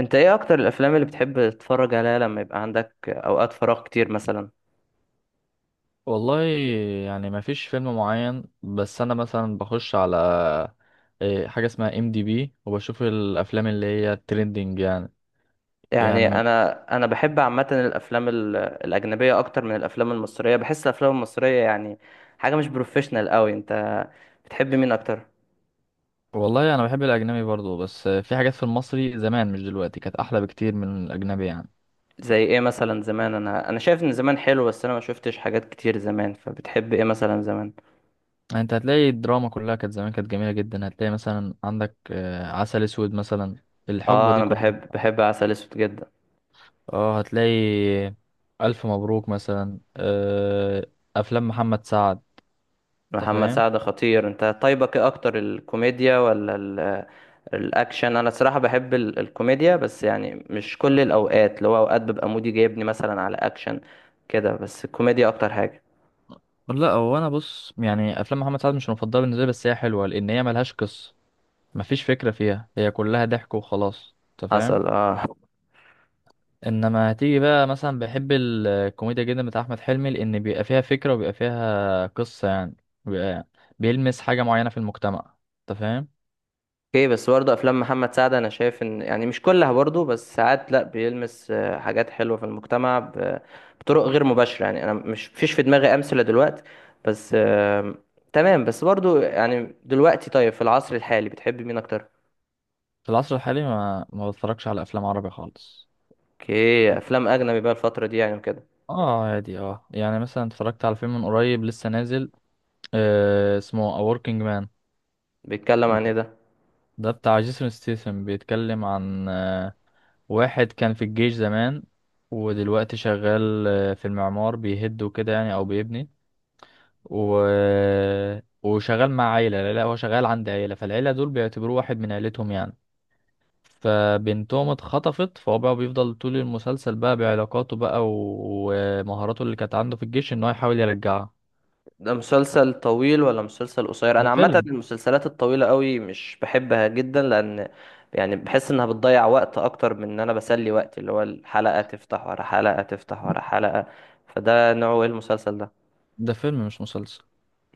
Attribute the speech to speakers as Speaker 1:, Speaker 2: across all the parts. Speaker 1: انت ايه اكتر الافلام اللي بتحب تتفرج عليها لما يبقى عندك اوقات فراغ كتير مثلا؟
Speaker 2: والله، يعني ما فيش فيلم معين، بس انا مثلا بخش على حاجه اسمها ام دي بي وبشوف الافلام اللي هي الترندنج يعني.
Speaker 1: يعني
Speaker 2: يعني من
Speaker 1: انا انا بحب عامه الافلام الاجنبيه اكتر من الافلام المصريه، بحس الافلام المصريه يعني حاجه مش بروفيشنال قوي. انت بتحب مين اكتر؟
Speaker 2: والله انا بحب الاجنبي برضو، بس في حاجات في المصري زمان، مش دلوقتي، كانت احلى بكتير من الاجنبي يعني.
Speaker 1: زي ايه مثلا زمان؟ انا شايف ان زمان حلو، بس انا ما شفتش حاجات كتير زمان، فبتحب ايه مثلا زمان؟
Speaker 2: يعني انت هتلاقي الدراما كلها كانت زمان، كانت جميله جدا. هتلاقي مثلا عندك عسل اسود مثلا، الحقبه
Speaker 1: اه
Speaker 2: دي
Speaker 1: انا
Speaker 2: كلها.
Speaker 1: بحب عسل اسود جدا.
Speaker 2: اه هتلاقي الف مبروك مثلا، افلام محمد سعد. انت
Speaker 1: محمد
Speaker 2: فاهم؟
Speaker 1: سعد خطير. انت طيبك ايه اكتر، الكوميديا ولا الاكشن؟ انا الصراحه بحب الكوميديا، بس يعني مش كل الاوقات، اللي هو اوقات ببقى مودي جايبني مثلا على اكشن كده، بس الكوميديا اكتر حاجه.
Speaker 2: لا هو انا بص، يعني افلام محمد سعد مش المفضله بالنسبه لي، بس هي حلوه لان هي ملهاش قصه، مفيش فكره فيها، هي كلها ضحك وخلاص. انت
Speaker 1: حصل
Speaker 2: فاهم؟
Speaker 1: اه.
Speaker 2: انما هتيجي بقى مثلا بحب الكوميديا جدا بتاع احمد حلمي لان بيبقى فيها فكره وبيبقى فيها قصه يعني، بيبقى بيلمس حاجه معينه في المجتمع. انت فاهم؟
Speaker 1: اوكي، بس برضه افلام محمد سعد انا شايف ان يعني مش كلها برضه، بس ساعات لا، بيلمس حاجات حلوه في المجتمع بطرق غير مباشره، يعني انا مش فيش في دماغي امثله دلوقتي، بس تمام. بس برضه يعني دلوقتي، طيب في العصر الحالي بتحب مين اكتر؟
Speaker 2: في العصر الحالي ما بتفرجش على افلام عربي خالص.
Speaker 1: اوكي، افلام اجنبي بقى الفتره دي يعني وكده.
Speaker 2: اه عادي، اه يعني مثلا اتفرجت على فيلم من قريب لسه نازل، آه اسمه A Working Man.
Speaker 1: بيتكلم عن ايه ده؟
Speaker 2: ده بتاع جيسون ستيسن، بيتكلم عن واحد كان في الجيش زمان، ودلوقتي شغال في المعمار بيهد وكده يعني، او بيبني، و... وشغال مع عيلة، لا لا، هو شغال عند عيلة، فالعيلة دول بيعتبروه واحد من عيلتهم يعني. فبنتهم اتخطفت، فهو بقى بيفضل طول المسلسل بقى بعلاقاته بقى ومهاراته اللي كانت عنده في الجيش ان هو يحاول يرجعها.
Speaker 1: ده مسلسل طويل ولا مسلسل قصير؟
Speaker 2: ده
Speaker 1: انا عامه
Speaker 2: فيلم.
Speaker 1: المسلسلات الطويله قوي مش بحبها جدا، لان يعني بحس انها بتضيع وقت اكتر من ان انا بسلي وقتي، اللي هو الحلقه تفتح ورا حلقه تفتح ورا حلقه. فده نوعه ايه المسلسل ده؟
Speaker 2: ده فيلم مش مسلسل.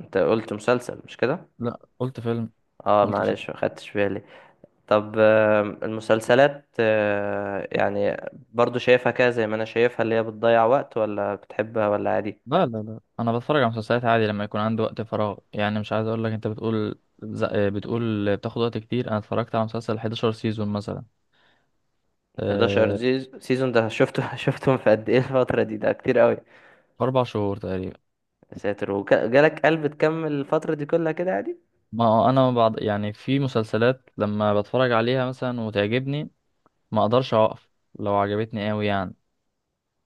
Speaker 1: انت قلت مسلسل، مش كده؟
Speaker 2: لا قلت فيلم.
Speaker 1: اه
Speaker 2: قلت فيلم.
Speaker 1: معلش ما خدتش بالي. طب المسلسلات يعني برضو شايفها كده زي ما انا شايفها، اللي هي بتضيع وقت، ولا بتحبها ولا عادي؟
Speaker 2: لا لا لا، انا بتفرج على مسلسلات عادي لما يكون عندي وقت فراغ يعني. مش عايز اقول لك، انت بتقول بتقول بتاخد وقت كتير، انا اتفرجت على مسلسل 11 سيزون مثلا.
Speaker 1: 11
Speaker 2: أه...
Speaker 1: سيزون ده شفته شفتهم في قد ايه الفترة دي؟ ده كتير قوي.
Speaker 2: في 4 شهور تقريبا.
Speaker 1: يا ساتر، وجالك قلب تكمل الفترة دي كلها كده عادي؟
Speaker 2: ما هو انا بعض يعني في مسلسلات لما بتفرج عليها مثلا وتعجبني، ما اقدرش اوقف، لو عجبتني قوي يعني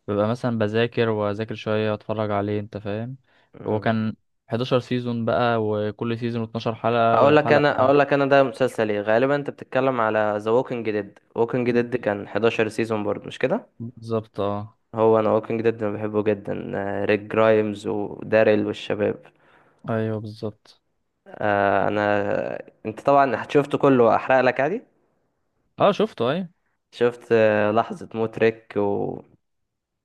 Speaker 2: ببقى مثلا بذاكر واذاكر شويه واتفرج عليه. انت فاهم؟
Speaker 1: مم.
Speaker 2: وكان 11 سيزون بقى، وكل سيزون 12 حلقه،
Speaker 1: اقول لك انا،
Speaker 2: والحلقه
Speaker 1: اقول لك انا ده مسلسل ايه. غالبا انت بتتكلم على ذا ووكينج ديد. ووكينج ديد كان 11 سيزون برضه، مش كده؟
Speaker 2: بالظبط اه.
Speaker 1: هو انا ووكينج ديد انا بحبه جدا. ريك جرايمز وداريل والشباب.
Speaker 2: ايوه بالظبط.
Speaker 1: آه، انا انت طبعا شفته كله، احرق لك عادي.
Speaker 2: اه شفته ايوه.
Speaker 1: شفت لحظة موت ريك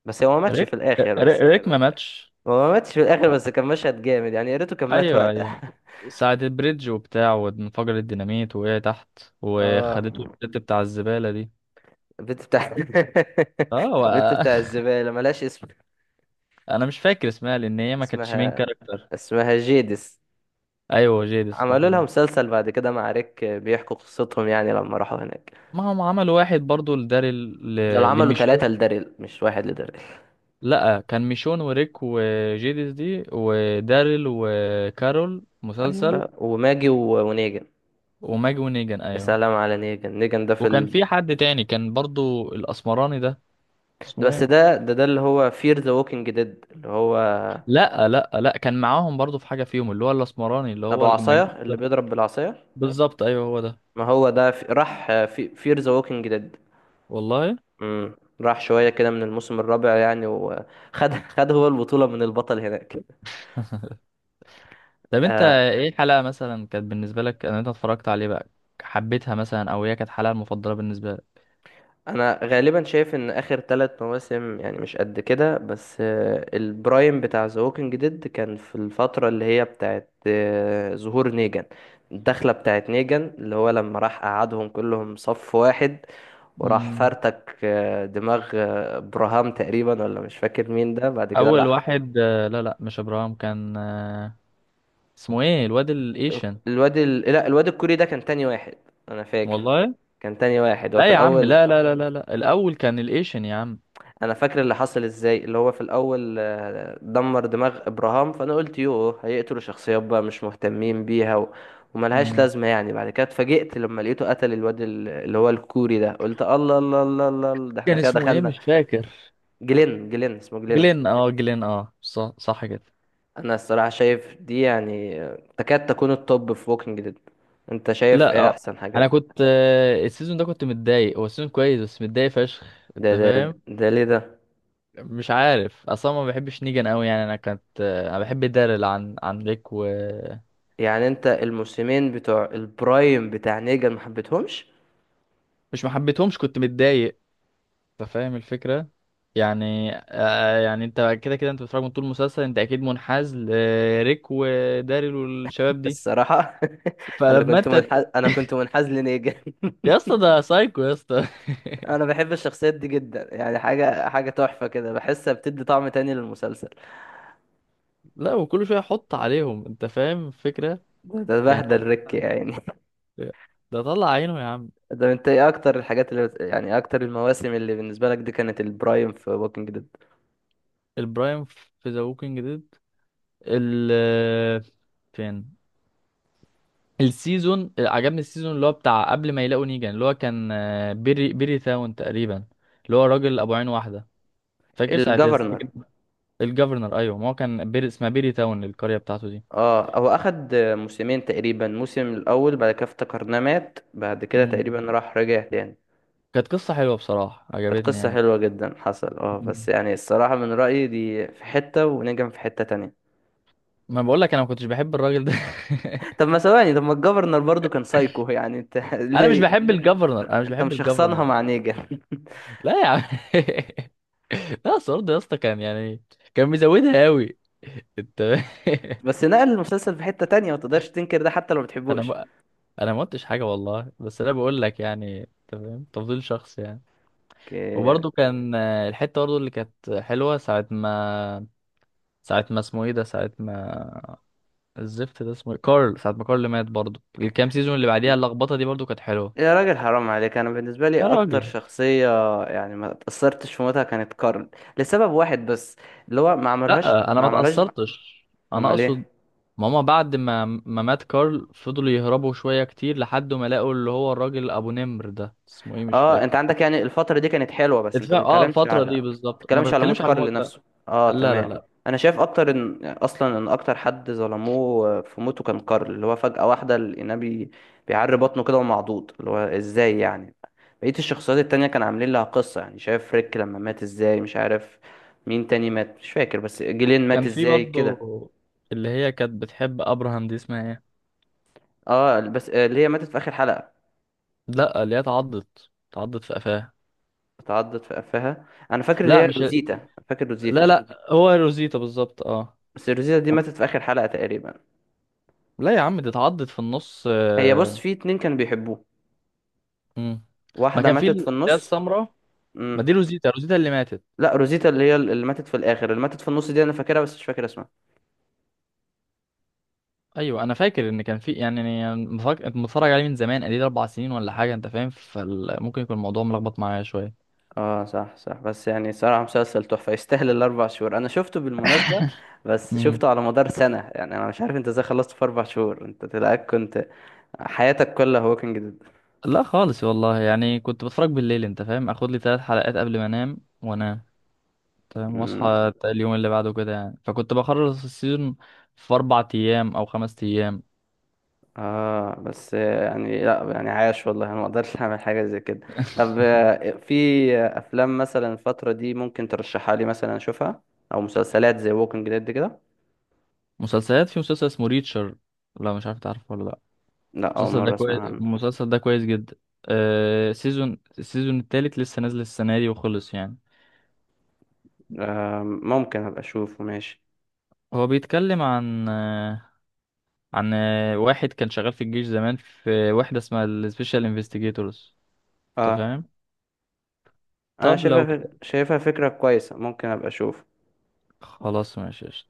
Speaker 1: بس هو ما ماتش
Speaker 2: ريك
Speaker 1: في الاخر
Speaker 2: ريك
Speaker 1: بس يعني.
Speaker 2: ريك ما ماتش.
Speaker 1: هو ما ماتش في الاخر، بس كان مشهد جامد يعني، يا ريته كان مات
Speaker 2: ايوه لا
Speaker 1: وقتها.
Speaker 2: ايوه. ساعة البريدج وبتاع، وانفجر الديناميت، وقع تحت
Speaker 1: اه.
Speaker 2: وخدته الست بتاع الزبالة دي.
Speaker 1: البنت بتاع
Speaker 2: اه،
Speaker 1: البنت بتاع الزبالة ملهاش اسم.
Speaker 2: انا مش فاكر اسمها لان هي ما كانتش مين
Speaker 1: اسمها
Speaker 2: كاركتر.
Speaker 1: اسمها جيدس.
Speaker 2: ايوه جيدس صح
Speaker 1: عملوا لها
Speaker 2: كده.
Speaker 1: مسلسل بعد كده مع ريك بيحكوا قصتهم يعني لما راحوا هناك.
Speaker 2: ما هم عملوا واحد برضو
Speaker 1: دول عملوا
Speaker 2: لميشون.
Speaker 1: ثلاثة لداريل، مش واحد لداريل.
Speaker 2: لا كان ميشون وريك وجيدس دي وداريل وكارول مسلسل.
Speaker 1: ايوه، وماجي ونيجن.
Speaker 2: وماجي ونيجان
Speaker 1: يا
Speaker 2: ايوه.
Speaker 1: سلام على نيجن.
Speaker 2: وكان في حد تاني كان برضو الاسمراني ده،
Speaker 1: ده-
Speaker 2: اسمه
Speaker 1: بس
Speaker 2: ايه؟
Speaker 1: ده ده ده اللي هو فير ذا ووكينج ديد، اللي هو
Speaker 2: لا لا لا، كان معاهم برضو في حاجة فيهم، اللي هو الأسمراني اللي هو
Speaker 1: ابو
Speaker 2: المجنون
Speaker 1: عصاية،
Speaker 2: ده.
Speaker 1: اللي بيضرب بالعصاية.
Speaker 2: بالظبط أيوه هو ده.
Speaker 1: ما هو ده راح في فير ذا ووكينج ديد.
Speaker 2: والله.
Speaker 1: امم. راح شوية كده من الموسم الرابع يعني، وخد خد هو البطولة من البطل هناك.
Speaker 2: طب أنت
Speaker 1: آه،
Speaker 2: إيه الحلقة مثلا كانت بالنسبة لك؟ أنا أنت اتفرجت عليه بقى، حبيتها مثلا، أو هي كانت الحلقة المفضلة بالنسبة لك؟
Speaker 1: أنا غالبا شايف إن آخر 3 مواسم يعني مش قد كده، بس آه البرايم بتاع ذا ووكينج ديد كان في الفترة اللي هي بتاعت آه ظهور نيجان، الدخلة بتاعت نيجان، اللي هو لما راح قعدهم كلهم صف واحد وراح
Speaker 2: مم.
Speaker 1: فرتك دماغ براهام تقريبا، ولا مش فاكر مين ده، بعد كده
Speaker 2: أول
Speaker 1: راح
Speaker 2: واحد لا لا مش إبراهيم، كان اسمه إيه الواد الإيشن.
Speaker 1: لا الواد الكوري ده كان تاني واحد. انا فاكر
Speaker 2: والله.
Speaker 1: كان تاني واحد هو
Speaker 2: لا
Speaker 1: في
Speaker 2: يا عم
Speaker 1: الاول.
Speaker 2: لا لا لا لا لا، الأول كان الإيشن يا عم.
Speaker 1: انا فاكر اللي حصل ازاي، اللي هو في الاول دمر دماغ ابراهام، فانا قلت يوه هيقتلوا شخصيات بقى مش مهتمين بيها وملهاش
Speaker 2: مم.
Speaker 1: لازمه يعني، بعد كده اتفاجئت لما لقيته قتل الواد اللي هو الكوري ده، قلت الله الله الله الله الله، ده احنا
Speaker 2: كان
Speaker 1: كده
Speaker 2: اسمه إيه
Speaker 1: دخلنا.
Speaker 2: مش فاكر.
Speaker 1: جلين اسمه جلين.
Speaker 2: جلين أه، جلين أه صح صح كده.
Speaker 1: انا الصراحه شايف دي يعني تكاد تكون التوب في ووكينج ديد. انت شايف
Speaker 2: لا،
Speaker 1: ايه احسن
Speaker 2: انا
Speaker 1: حاجات؟
Speaker 2: كنت السيزون ده كنت متضايق، هو السيزون كويس بس متضايق فشخ.
Speaker 1: ده
Speaker 2: انت
Speaker 1: ده
Speaker 2: فاهم؟
Speaker 1: ده ليه ده؟
Speaker 2: مش عارف، اصلا ما بحبش نيجان قوي يعني. انا كنت انا بحب دارل عن ليك و-
Speaker 1: يعني انت الموسمين بتوع البرايم بتاع نيجا ما حبيتهمش؟
Speaker 2: مش ما حبيتهمش، كنت متضايق. انت فاهم الفكره؟ يعني آه يعني انت كده كده انت بتتفرج من طول المسلسل، انت اكيد منحاز لريك وداريل والشباب دي.
Speaker 1: الصراحة انا
Speaker 2: فلما
Speaker 1: كنت
Speaker 2: انت
Speaker 1: منحاز انا كنت منحاز لنيجا.
Speaker 2: يا اسطى ده سايكو يا اسطى.
Speaker 1: انا بحب الشخصيات دي جدا يعني، حاجة تحفة كده، بحسها بتدي طعم تاني للمسلسل.
Speaker 2: لا، وكل شويه حط عليهم. انت فاهم الفكره؟
Speaker 1: ده
Speaker 2: يعني هو
Speaker 1: بهدل ريك يعني.
Speaker 2: ده، طلع عينه يا عم.
Speaker 1: ده انت ايه اكتر الحاجات يعني اكتر المواسم اللي بالنسبة لك دي كانت البرايم في ووكينج ديد؟
Speaker 2: البرايم في ذا ووكينج ديد، ال فين السيزون عجبني، السيزون اللي هو بتاع قبل ما يلاقوا نيجان، اللي هو كان بيري تاون تقريبا، اللي هو راجل ابو عين واحده. فاكر ساعه
Speaker 1: الجفرنر.
Speaker 2: السجن؟ الجفرنر. ايوه، ما هو كان بيري اسمها بيري تاون القريه بتاعته دي.
Speaker 1: اه هو اخد موسمين تقريبا، موسم الاول بعد كده افتكرناه مات، بعد كده تقريبا
Speaker 2: مم.
Speaker 1: راح رجع تاني.
Speaker 2: كانت قصه حلوه بصراحه،
Speaker 1: كانت
Speaker 2: عجبتني
Speaker 1: قصة
Speaker 2: يعني.
Speaker 1: حلوة جدا، حصل اه،
Speaker 2: مم.
Speaker 1: بس يعني الصراحة من رأيي دي في حتة ونجم في حتة تانية.
Speaker 2: ما بقول لك، انا ما كنتش بحب الراجل ده.
Speaker 1: طب ما ثواني، طب ما الجفرنر برضو كان سايكو يعني انت
Speaker 2: انا مش
Speaker 1: ليه؟
Speaker 2: بحب الجفرنر، انا مش
Speaker 1: انت
Speaker 2: بحب
Speaker 1: مش شخصنها
Speaker 2: الجفرنر.
Speaker 1: مع نيجن؟
Speaker 2: لا يا عم. لا سورد يا اسطى كان يعني كان مزودها قوي. انت
Speaker 1: بس نقل المسلسل في حتة تانية، ما تقدرش تنكر ده حتى لو ما
Speaker 2: انا
Speaker 1: بتحبوش.
Speaker 2: ما انا ما قلتش حاجه والله، بس انا بقول لك يعني انت فاهم، تفضيل شخص يعني.
Speaker 1: اوكي.
Speaker 2: وبرضه كان الحته برضه اللي كانت حلوه ساعه ما اسمه ايه ده، ساعه ما الزفت ده اسمه إيه؟ كارل، ساعه ما كارل مات، برضه الكام سيزون اللي بعديها اللخبطه دي برضه كانت حلوه.
Speaker 1: يا راجل حرام عليك، انا بالنسبة لي
Speaker 2: يا
Speaker 1: اكتر
Speaker 2: راجل
Speaker 1: شخصية يعني ما اتأثرتش في موتها كانت كارل، لسبب واحد بس، اللي هو ما عملوهاش
Speaker 2: لا انا
Speaker 1: ما
Speaker 2: ما
Speaker 1: عملوهاش
Speaker 2: اتاثرتش. انا
Speaker 1: امال
Speaker 2: اقصد
Speaker 1: ايه؟
Speaker 2: ماما بعد ما مات كارل، فضلوا يهربوا شوية كتير لحد ما لقوا اللي هو الراجل أبو نمر ده اسمه إيه مش
Speaker 1: اه
Speaker 2: فاكر.
Speaker 1: انت عندك يعني الفترة دي كانت حلوة، بس انت
Speaker 2: اتفاق اه، الفترة دي بالظبط، ما
Speaker 1: بتتكلمش على موت
Speaker 2: بتكلمش على الموت
Speaker 1: كارل
Speaker 2: لا.
Speaker 1: نفسه. اه
Speaker 2: لا لا
Speaker 1: تمام.
Speaker 2: لا،
Speaker 1: انا شايف اكتر ان اصلا ان اكتر حد ظلموه في موته كان كارل، اللي هو فجأة واحدة لقيناه بيعري بطنه كده ومعضوض، اللي هو ازاي يعني؟ بقية الشخصيات التانية كان عاملين لها قصة، يعني شايف ريك لما مات ازاي، مش عارف مين تاني مات مش فاكر، بس جيلين مات
Speaker 2: كان في
Speaker 1: ازاي
Speaker 2: برضه
Speaker 1: كده.
Speaker 2: اللي هي كانت بتحب أبراهام دي اسمها ايه.
Speaker 1: اه بس اللي هي ماتت في اخر حلقة،
Speaker 2: لا اللي هي اتعضت، اتعضت في قفاها.
Speaker 1: اتعضت في قفاها، انا فاكر اللي
Speaker 2: لا
Speaker 1: هي
Speaker 2: مش،
Speaker 1: روزيتا، فاكر
Speaker 2: لا
Speaker 1: روزيتا.
Speaker 2: لا، هو روزيتا بالظبط اه.
Speaker 1: بس روزيتا دي ماتت في اخر حلقة تقريبا.
Speaker 2: لا يا عم، دي اتعضت في النص
Speaker 1: هي بص، في اتنين كانوا بيحبوه،
Speaker 2: مم. ما
Speaker 1: واحدة
Speaker 2: كان في
Speaker 1: ماتت
Speaker 2: اللي
Speaker 1: في
Speaker 2: هي
Speaker 1: النص.
Speaker 2: السمراء. ما دي
Speaker 1: امم.
Speaker 2: روزيتا، روزيتا اللي ماتت.
Speaker 1: لا روزيتا اللي هي اللي ماتت في الآخر، اللي ماتت في النص دي أنا فاكرها بس مش فاكر اسمها.
Speaker 2: ايوه، انا فاكر ان كان في يعني متفرج عليه من زمان قليل، 4 سنين ولا حاجه. انت فاهم؟ فممكن يكون الموضوع ملخبط معايا شويه.
Speaker 1: اه صح صح، بس يعني صراحة مسلسل تحفة، يستاهل الأربع شهور. أنا شفته بالمناسبة بس
Speaker 2: امم
Speaker 1: شفته على مدار سنة يعني. أنا مش عارف أنت إزاي خلصت في 4 شهور، أنت تلاقيك كنت حياتك كلها ووكينج
Speaker 2: لا خالص والله، يعني كنت بتفرج بالليل. انت فاهم؟ اخد لي 3 حلقات قبل ما انام، وانام تمام،
Speaker 1: ديد.
Speaker 2: واصحى اليوم اللي بعده كده يعني. فكنت بخلص السيزون في 4 ايام او 5 ايام.
Speaker 1: اه بس يعني لا يعني عاش والله، انا ما اقدرش اعمل حاجه زي كده. طب في افلام مثلا الفتره دي ممكن ترشحها لي مثلا اشوفها، او مسلسلات زي ووكينج ديد كده؟
Speaker 2: مسلسلات، في مسلسل اسمه ريتشر، لا مش عارف تعرفه ولا لا.
Speaker 1: لا اول
Speaker 2: المسلسل ده
Speaker 1: مره
Speaker 2: كويس،
Speaker 1: اسمع عنه.
Speaker 2: المسلسل ده كويس جدا. آه سيزون، السيزون التالت لسه نازل السنه دي وخلص يعني.
Speaker 1: آه ممكن ابقى اشوفه ماشي.
Speaker 2: هو بيتكلم عن عن واحد كان شغال في الجيش زمان في وحدة اسمها السبيشال انفستيجيتورز. انت
Speaker 1: اه
Speaker 2: فاهم؟
Speaker 1: انا
Speaker 2: طب لو،
Speaker 1: شايفها فكره كويسه، ممكن ابقى اشوف.
Speaker 2: خلاص ماشي.